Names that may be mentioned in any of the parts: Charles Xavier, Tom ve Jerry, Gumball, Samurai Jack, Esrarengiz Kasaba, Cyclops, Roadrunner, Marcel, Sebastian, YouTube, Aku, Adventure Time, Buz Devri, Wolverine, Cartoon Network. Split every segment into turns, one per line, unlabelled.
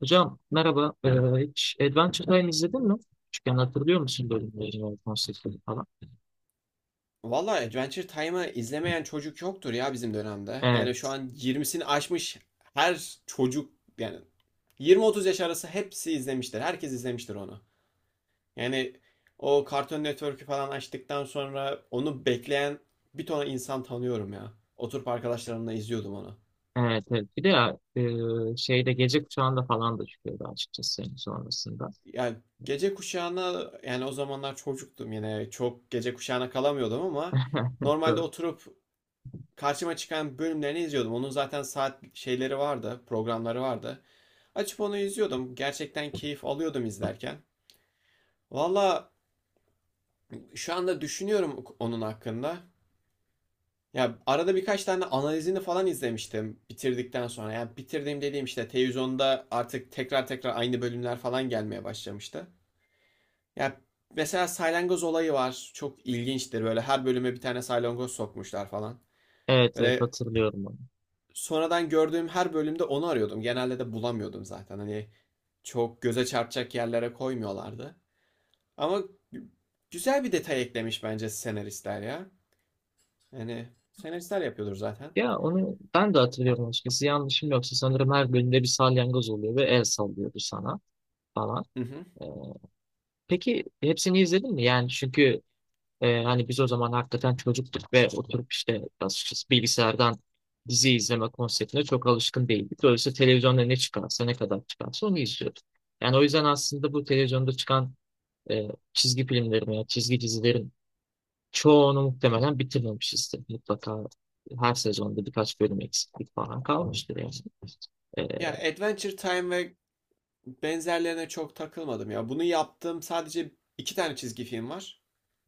Hocam merhaba. Hiç Adventure Time izledin mi? Küçükken hatırlıyor musun bölümleri, konseptleri falan?
Valla Adventure Time'ı izlemeyen çocuk yoktur ya bizim dönemde. Yani şu
Evet,
an 20'sini aşmış her çocuk, yani 20-30 yaş arası hepsi izlemiştir. Herkes izlemiştir onu. Yani o Cartoon Network'ü falan açtıktan sonra onu bekleyen bir ton insan tanıyorum ya. Oturup arkadaşlarımla izliyordum onu.
evet, evet. Bir de ya, şeyde gece kuşağında falan da çıkıyordu açıkçası senin sonrasında.
Yani gece kuşağına, yani o zamanlar çocuktum, yine çok gece kuşağına kalamıyordum ama normalde
Doğru.
oturup karşıma çıkan bölümlerini izliyordum. Onun zaten saat şeyleri vardı, programları vardı. Açıp onu izliyordum. Gerçekten keyif alıyordum izlerken. Valla şu anda düşünüyorum onun hakkında. Ya arada birkaç tane analizini falan izlemiştim bitirdikten sonra. Yani bitirdiğim dediğim işte televizyonda artık tekrar tekrar aynı bölümler falan gelmeye başlamıştı. Ya mesela salyangoz olayı var. Çok ilginçtir. Böyle her bölüme bir tane salyangoz sokmuşlar falan.
Evet, evet
Böyle
hatırlıyorum onu.
sonradan gördüğüm her bölümde onu arıyordum. Genelde de bulamıyordum zaten. Hani çok göze çarpacak yerlere koymuyorlardı. Ama güzel bir detay eklemiş bence senaristler ya. Yani senaristler yapıyordur zaten.
Ya onu ben de hatırlıyorum açıkçası. Yanlışım yoksa sanırım her bölümde bir salyangoz oluyor ve el sallıyordu sana falan.
Hı hı.
Ee, peki hepsini izledin mi? Yani çünkü hani biz o zaman hakikaten çocuktuk ve oturup işte açıkçası bilgisayardan dizi izleme konseptine çok alışkın değildik. Dolayısıyla televizyonda ne çıkarsa ne kadar çıkarsa onu izliyorduk. Yani o yüzden aslında bu televizyonda çıkan e, çizgi filmlerin veya çizgi dizilerin çoğunu muhtemelen bitirmemişizdir. Mutlaka her sezonda birkaç bölüm eksiklik falan kalmıştır yani.
Ya
Ee,
Adventure Time ve benzerlerine çok takılmadım ya. Bunu yaptığım sadece iki tane çizgi film var.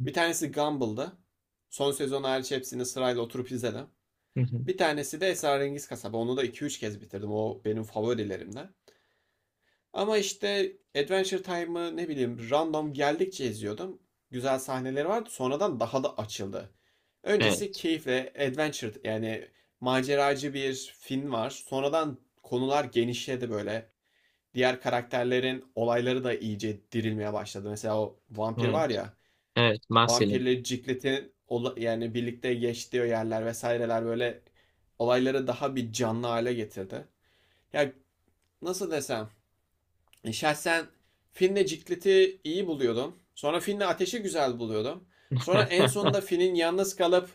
Bir tanesi Gumball'dı. Son sezon hariç hepsini sırayla oturup izledim.
hı hı.
Bir tanesi de Esrarengiz Kasaba. Onu da iki üç kez bitirdim. O benim favorilerimden. Ama işte Adventure Time'ı ne bileyim random geldikçe izliyordum. Güzel sahneleri vardı. Sonradan daha da açıldı. Öncesi
Evet,
keyifle adventure, yani maceracı bir film var. Sonradan konular genişledi böyle. Diğer karakterlerin olayları da iyice dirilmeye başladı. Mesela o vampir var
evet,
ya.
evet, Marcel'in.
Vampirle Ciclet'in, yani birlikte geçtiği yerler vesaireler, böyle olayları daha bir canlı hale getirdi. Ya, nasıl desem, şahsen Finn'le Ciklet'i iyi buluyordum. Sonra Finn'le Ateş'i güzel buluyordum. Sonra en sonunda Finn'in yalnız kalıp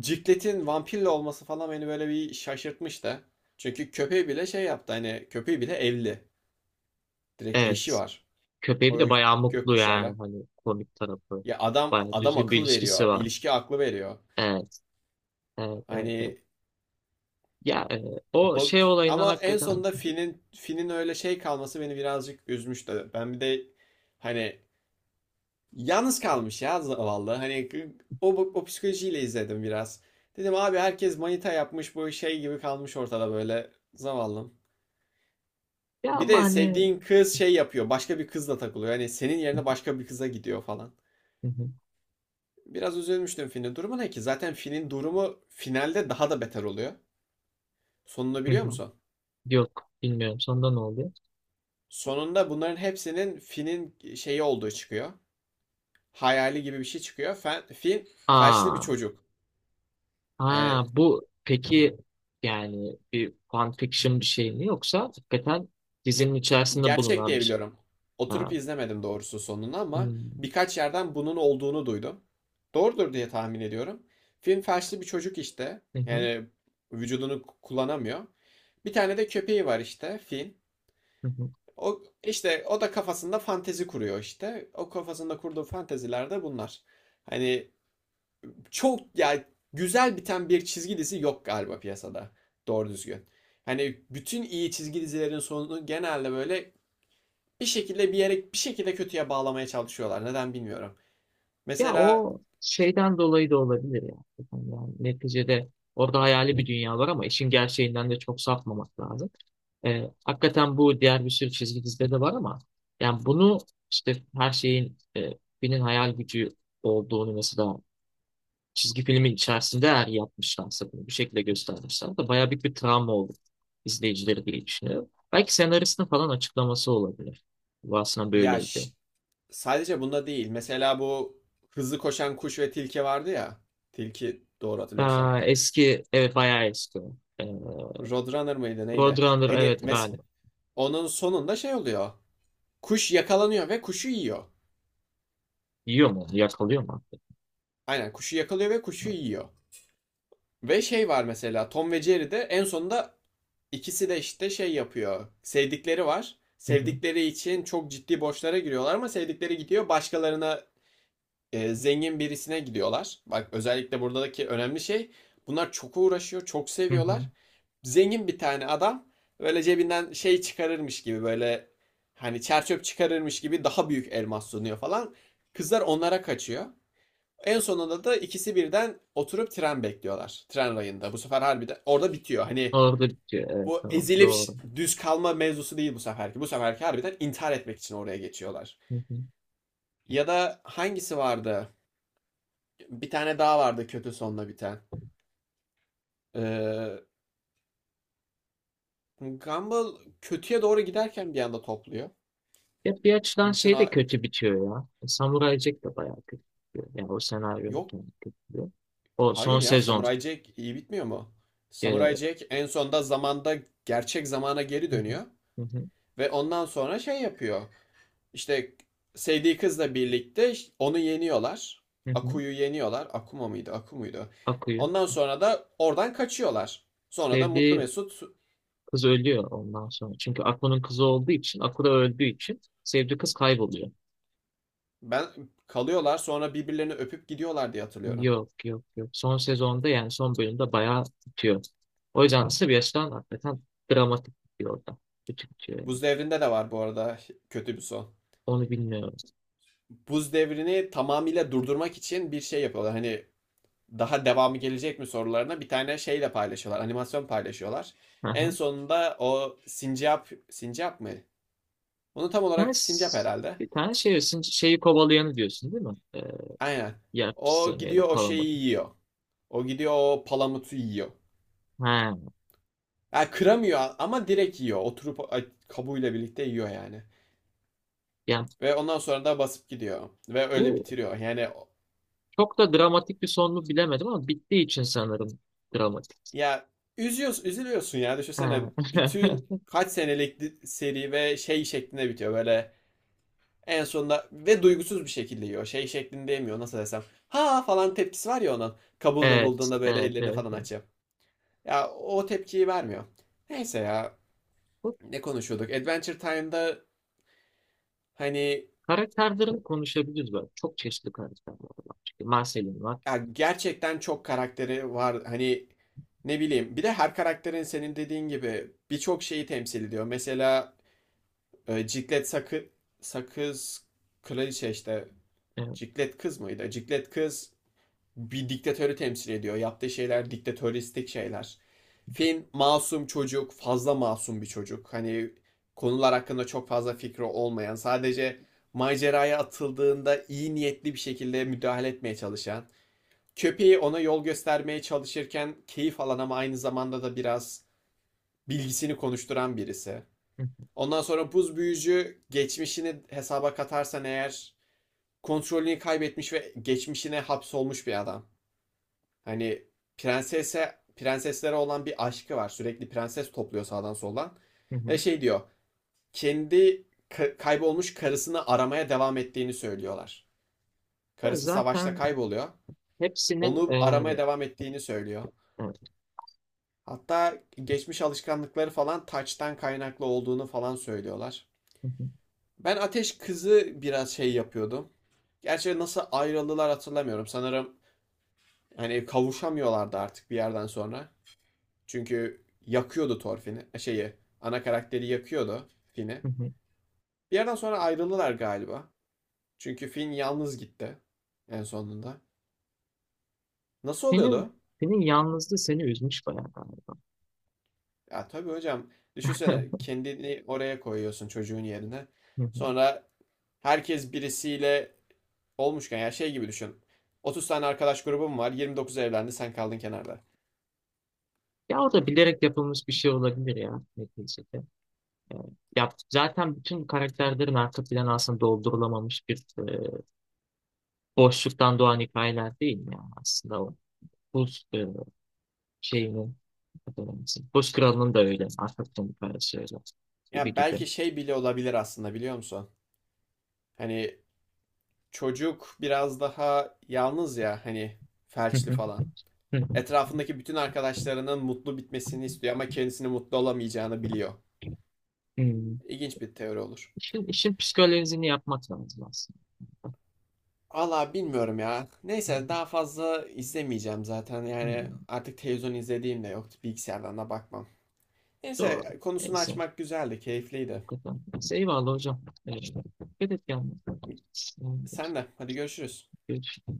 Ciklet'in vampirle olması falan beni böyle bir şaşırtmıştı. Çünkü köpeği bile şey yaptı, hani köpeği bile evli. Direkt eşi
Evet.
var.
Köpeği
O
de bayağı mutlu yani
gökkuşağıyla.
hani komik tarafı.
Ya adam
Bayağı
adam
düzgün bir
akıl
ilişkisi
veriyor.
var.
İlişki aklı veriyor.
Evet, evet, evet, evet.
Hani
Ya o şey
bak
olayından
ama en
hakikaten
sonunda Finn'in öyle şey kalması beni birazcık üzmüştü. Ben bir de, hani, yalnız kalmış ya zavallı. Hani o psikolojiyle izledim biraz. Dedim abi, herkes manita yapmış, bu şey gibi kalmış ortada böyle zavallım.
ya
Bir
ama
de
hani
sevdiğin kız şey yapıyor. Başka bir kızla takılıyor. Hani senin yerine başka bir kıza gidiyor falan.
hı hı,
Biraz üzülmüştüm, Finn'in durumu ne ki? Zaten Finn'in durumu finalde daha da beter oluyor. Sonunu
hı
biliyor
hı.
musun?
Yok bilmiyorum, sonunda ne oluyor?
Sonunda bunların hepsinin Finn'in şeyi olduğu çıkıyor. Hayali gibi bir şey çıkıyor. Finn felçli bir
Aa,
çocuk. Yani.
ha bu peki yani bir fan fiction bir şey mi yoksa hakikaten
Ya-
dizinin içerisinde
Gerçek
bulunan
diye
bir şey?
biliyorum. Oturup
Ha.
izlemedim doğrusu sonunu ama
Hmm,
birkaç yerden bunun olduğunu duydum. Doğrudur diye tahmin ediyorum. Film felçli bir çocuk işte.
hı hı,
Yani vücudunu kullanamıyor. Bir tane de köpeği var işte Finn.
hı hı.
O işte, o da kafasında fantezi kuruyor işte. O kafasında kurduğu fanteziler de bunlar. Hani çok, ya, güzel biten bir çizgi dizi yok galiba piyasada. Doğru düzgün. Hani bütün iyi çizgi dizilerin sonu genelde böyle bir şekilde bir yere, bir şekilde kötüye bağlamaya çalışıyorlar. Neden bilmiyorum.
Ya
Mesela,
o şeyden dolayı da olabilir ya. Yani neticede orada hayali bir dünya var ama işin gerçeğinden de çok sapmamak lazım. Hakikaten bu diğer bir sürü çizgi dizide de var ama yani bunu işte her şeyin birinin hayal gücü olduğunu mesela çizgi filmin içerisinde eğer yapmışlarsa bunu bir şekilde göstermişler de bayağı büyük bir travma oldu izleyicileri diye düşünüyorum. Belki senaristin falan açıklaması olabilir. Bu aslında
ya,
böyleydi.
sadece bunda değil. Mesela bu hızlı koşan kuş ve tilki vardı ya. Tilki doğru hatırlıyorsam.
Aa, eski evet bayağı eski o. Ee,
Roadrunner mıydı neydi?
Roadrunner
Hani
evet galiba.
onun sonunda şey oluyor. Kuş yakalanıyor ve kuşu yiyor.
Yiyor mu? Yakalıyor mu artık?
Aynen kuşu yakalıyor ve kuşu yiyor. Ve şey var, mesela Tom ve Jerry'de en sonunda ikisi de işte şey yapıyor. Sevdikleri var.
Hı hı.
Sevdikleri için çok ciddi borçlara giriyorlar ama sevdikleri gidiyor başkalarına, zengin birisine gidiyorlar. Bak özellikle buradaki önemli şey, bunlar çok uğraşıyor, çok
Hı hı.
seviyorlar. Zengin bir tane adam böyle cebinden şey çıkarırmış gibi, böyle hani çerçöp çıkarırmış gibi, daha büyük elmas sunuyor falan. Kızlar onlara kaçıyor. En sonunda da ikisi birden oturup tren bekliyorlar. Tren rayında. Bu sefer harbiden orada bitiyor. Hani
Orada bitiyor. Evet,
bu
tamam.
ezilip
Doğru.
düz kalma mevzusu değil bu seferki. Bu seferki harbiden intihar etmek için oraya geçiyorlar.
Hı hı.
Ya da hangisi vardı? Bir tane daha vardı kötü sonla biten. Ee, Gumball kötüye doğru giderken bir anda topluyor.
Ya bir açıdan
Bütün
şey de
a-
kötü bitiyor ya. Samurai Jack de bayağı kötü bitiyor. Yani o senaryonun
Yok,
kendi kötü bitiyor. O son
hayır ya,
sezon.
Samurai Jack iyi bitmiyor mu? Samurai
Hı
Jack en sonunda zamanda gerçek zamana geri
hı.
dönüyor
Hı hı.
ve ondan sonra şey yapıyor. İşte sevdiği kızla birlikte onu yeniyorlar.
Hı hı.
Aku'yu yeniyorlar. Akuma mıydı? Aku muydu?
Aku'yu.
Ondan sonra da oradan kaçıyorlar. Sonra da Mutlu
Sevdiği
Mesut
kız ölüyor ondan sonra. Çünkü Aku'nun kızı olduğu için, Aku da öldüğü için sevdiği kız kayboluyor.
ben kalıyorlar, sonra birbirlerini öpüp gidiyorlar diye hatırlıyorum.
Yok, yok, yok. Son sezonda yani son bölümde bayağı tutuyor. O yüzden Sebastian hakikaten dramatik tutuyor orada. Kötü tutuyor yani.
Buz Devri'nde de var bu arada kötü bir son.
Onu bilmiyorum.
Buz Devri'ni tamamıyla durdurmak için bir şey yapıyorlar. Hani daha devamı gelecek mi sorularına bir tane şeyle paylaşıyorlar. Animasyon paylaşıyorlar.
Hı
En
hı.
sonunda o sincap, sincap mı? Bunu tam
Bir tane,
olarak sincap herhalde.
bir tane şey, diyorsun, şeyi kovalayanı diyorsun değil mi?
Aynen.
Yer
O
fıstığını ya da
gidiyor o şeyi
palamudu.
yiyor. O gidiyor o palamutu yiyor.
Ha.
Yani kıramıyor ama direkt yiyor. Oturup kabuğuyla birlikte yiyor yani.
Yani
Ve ondan sonra da basıp gidiyor. Ve öyle
bu
bitiriyor. Yani.
çok da dramatik bir son mu bilemedim ama bittiği için sanırım dramatik.
Ya üzüyorsun, üzülüyorsun ya. Düşünsene
Ha.
bütün kaç senelik seri ve şey şeklinde bitiyor, böyle en sonunda, ve duygusuz bir şekilde yiyor. Şey şeklinde yemiyor, nasıl desem. Ha falan tepkisi var ya onun. Kabuğunu
Evet,
bulduğunda böyle
evet,
ellerini
evet,
falan
evet.
açıyor. Ya o tepkiyi vermiyor. Neyse, ya,
Bu
ne konuşuyorduk? Adventure Time'da, hani,
karakterlerini konuşabiliriz böyle. Çok çeşitli karakterler var. Çünkü Marcel'in var.
ya, gerçekten çok karakteri var. Hani ne bileyim, bir de her karakterin senin dediğin gibi birçok şeyi temsil ediyor. Mesela Ciklet sakız kraliçe işte. Ciklet kız mıydı? Ciklet kız bir diktatörü temsil ediyor. Yaptığı şeyler diktatöristik şeyler. Finn masum çocuk, fazla masum bir çocuk. Hani konular hakkında çok fazla fikri olmayan, sadece maceraya atıldığında iyi niyetli bir şekilde müdahale etmeye çalışan, köpeği ona yol göstermeye çalışırken keyif alan ama aynı zamanda da biraz bilgisini konuşturan birisi.
Evet.
Ondan sonra buz büyücü geçmişini hesaba katarsan eğer, kontrolünü kaybetmiş ve geçmişine hapsolmuş bir adam. Hani prenseslere olan bir aşkı var. Sürekli prenses topluyor sağdan soldan.
Hı
Ve
hı.
şey diyor. Kendi kaybolmuş karısını aramaya devam ettiğini söylüyorlar.
Ya
Karısı savaşta
zaten
kayboluyor.
hepsinin
Onu aramaya devam ettiğini söylüyor.
evet.
Hatta geçmiş alışkanlıkları falan taçtan kaynaklı olduğunu falan söylüyorlar.
Hı hı.
Ben Ateş Kızı biraz şey yapıyordum. Gerçi nasıl ayrıldılar hatırlamıyorum. Sanırım hani kavuşamıyorlardı artık bir yerden sonra. Çünkü yakıyordu Thorfinn'i. Ana karakteri yakıyordu Finn'i.
Hı hı.
Bir yerden sonra ayrıldılar galiba. Çünkü Finn yalnız gitti en sonunda. Nasıl
Senin
oluyordu?
senin yalnızlığı seni üzmüş bayağı galiba.
Ya tabii hocam, düşünsene, kendini oraya koyuyorsun çocuğun yerine.
Hı hı.
Sonra herkes birisiyle olmuşken ya, şey gibi düşün. 30 tane arkadaş grubum var. 29 evlendi, sen kaldın kenarda.
Ya o da bilerek yapılmış bir şey olabilir ya neticede. E, ya zaten bütün karakterlerin arka planı aslında doldurulamamış bir boşluktan doğan hikayeler değil mi ya aslında o buz şeyinin adı neyse. Buz kralının da öyle arka planı hikayesi öyle gibi
Ya
gibi.
belki şey bile olabilir aslında, biliyor musun? Hani çocuk biraz daha yalnız ya, hani,
Hı
felçli
hı.
falan.
Hı hı.
Etrafındaki bütün arkadaşlarının mutlu bitmesini istiyor ama kendisini mutlu olamayacağını biliyor.
Hmm.
İlginç bir teori olur.
İşin psikolojisini yapmak lazım aslında.
Valla bilmiyorum ya. Neyse, daha fazla izlemeyeceğim zaten. Yani
Hmm.
artık televizyon izlediğim de yoktu. Bilgisayardan da bakmam.
Doğru.
Neyse, konusunu
Neyse.
açmak güzeldi, keyifliydi.
Neyse, eyvallah hocam. Evet. Dikkat et kendine.
Sen de hadi, görüşürüz.
Görüşürüz.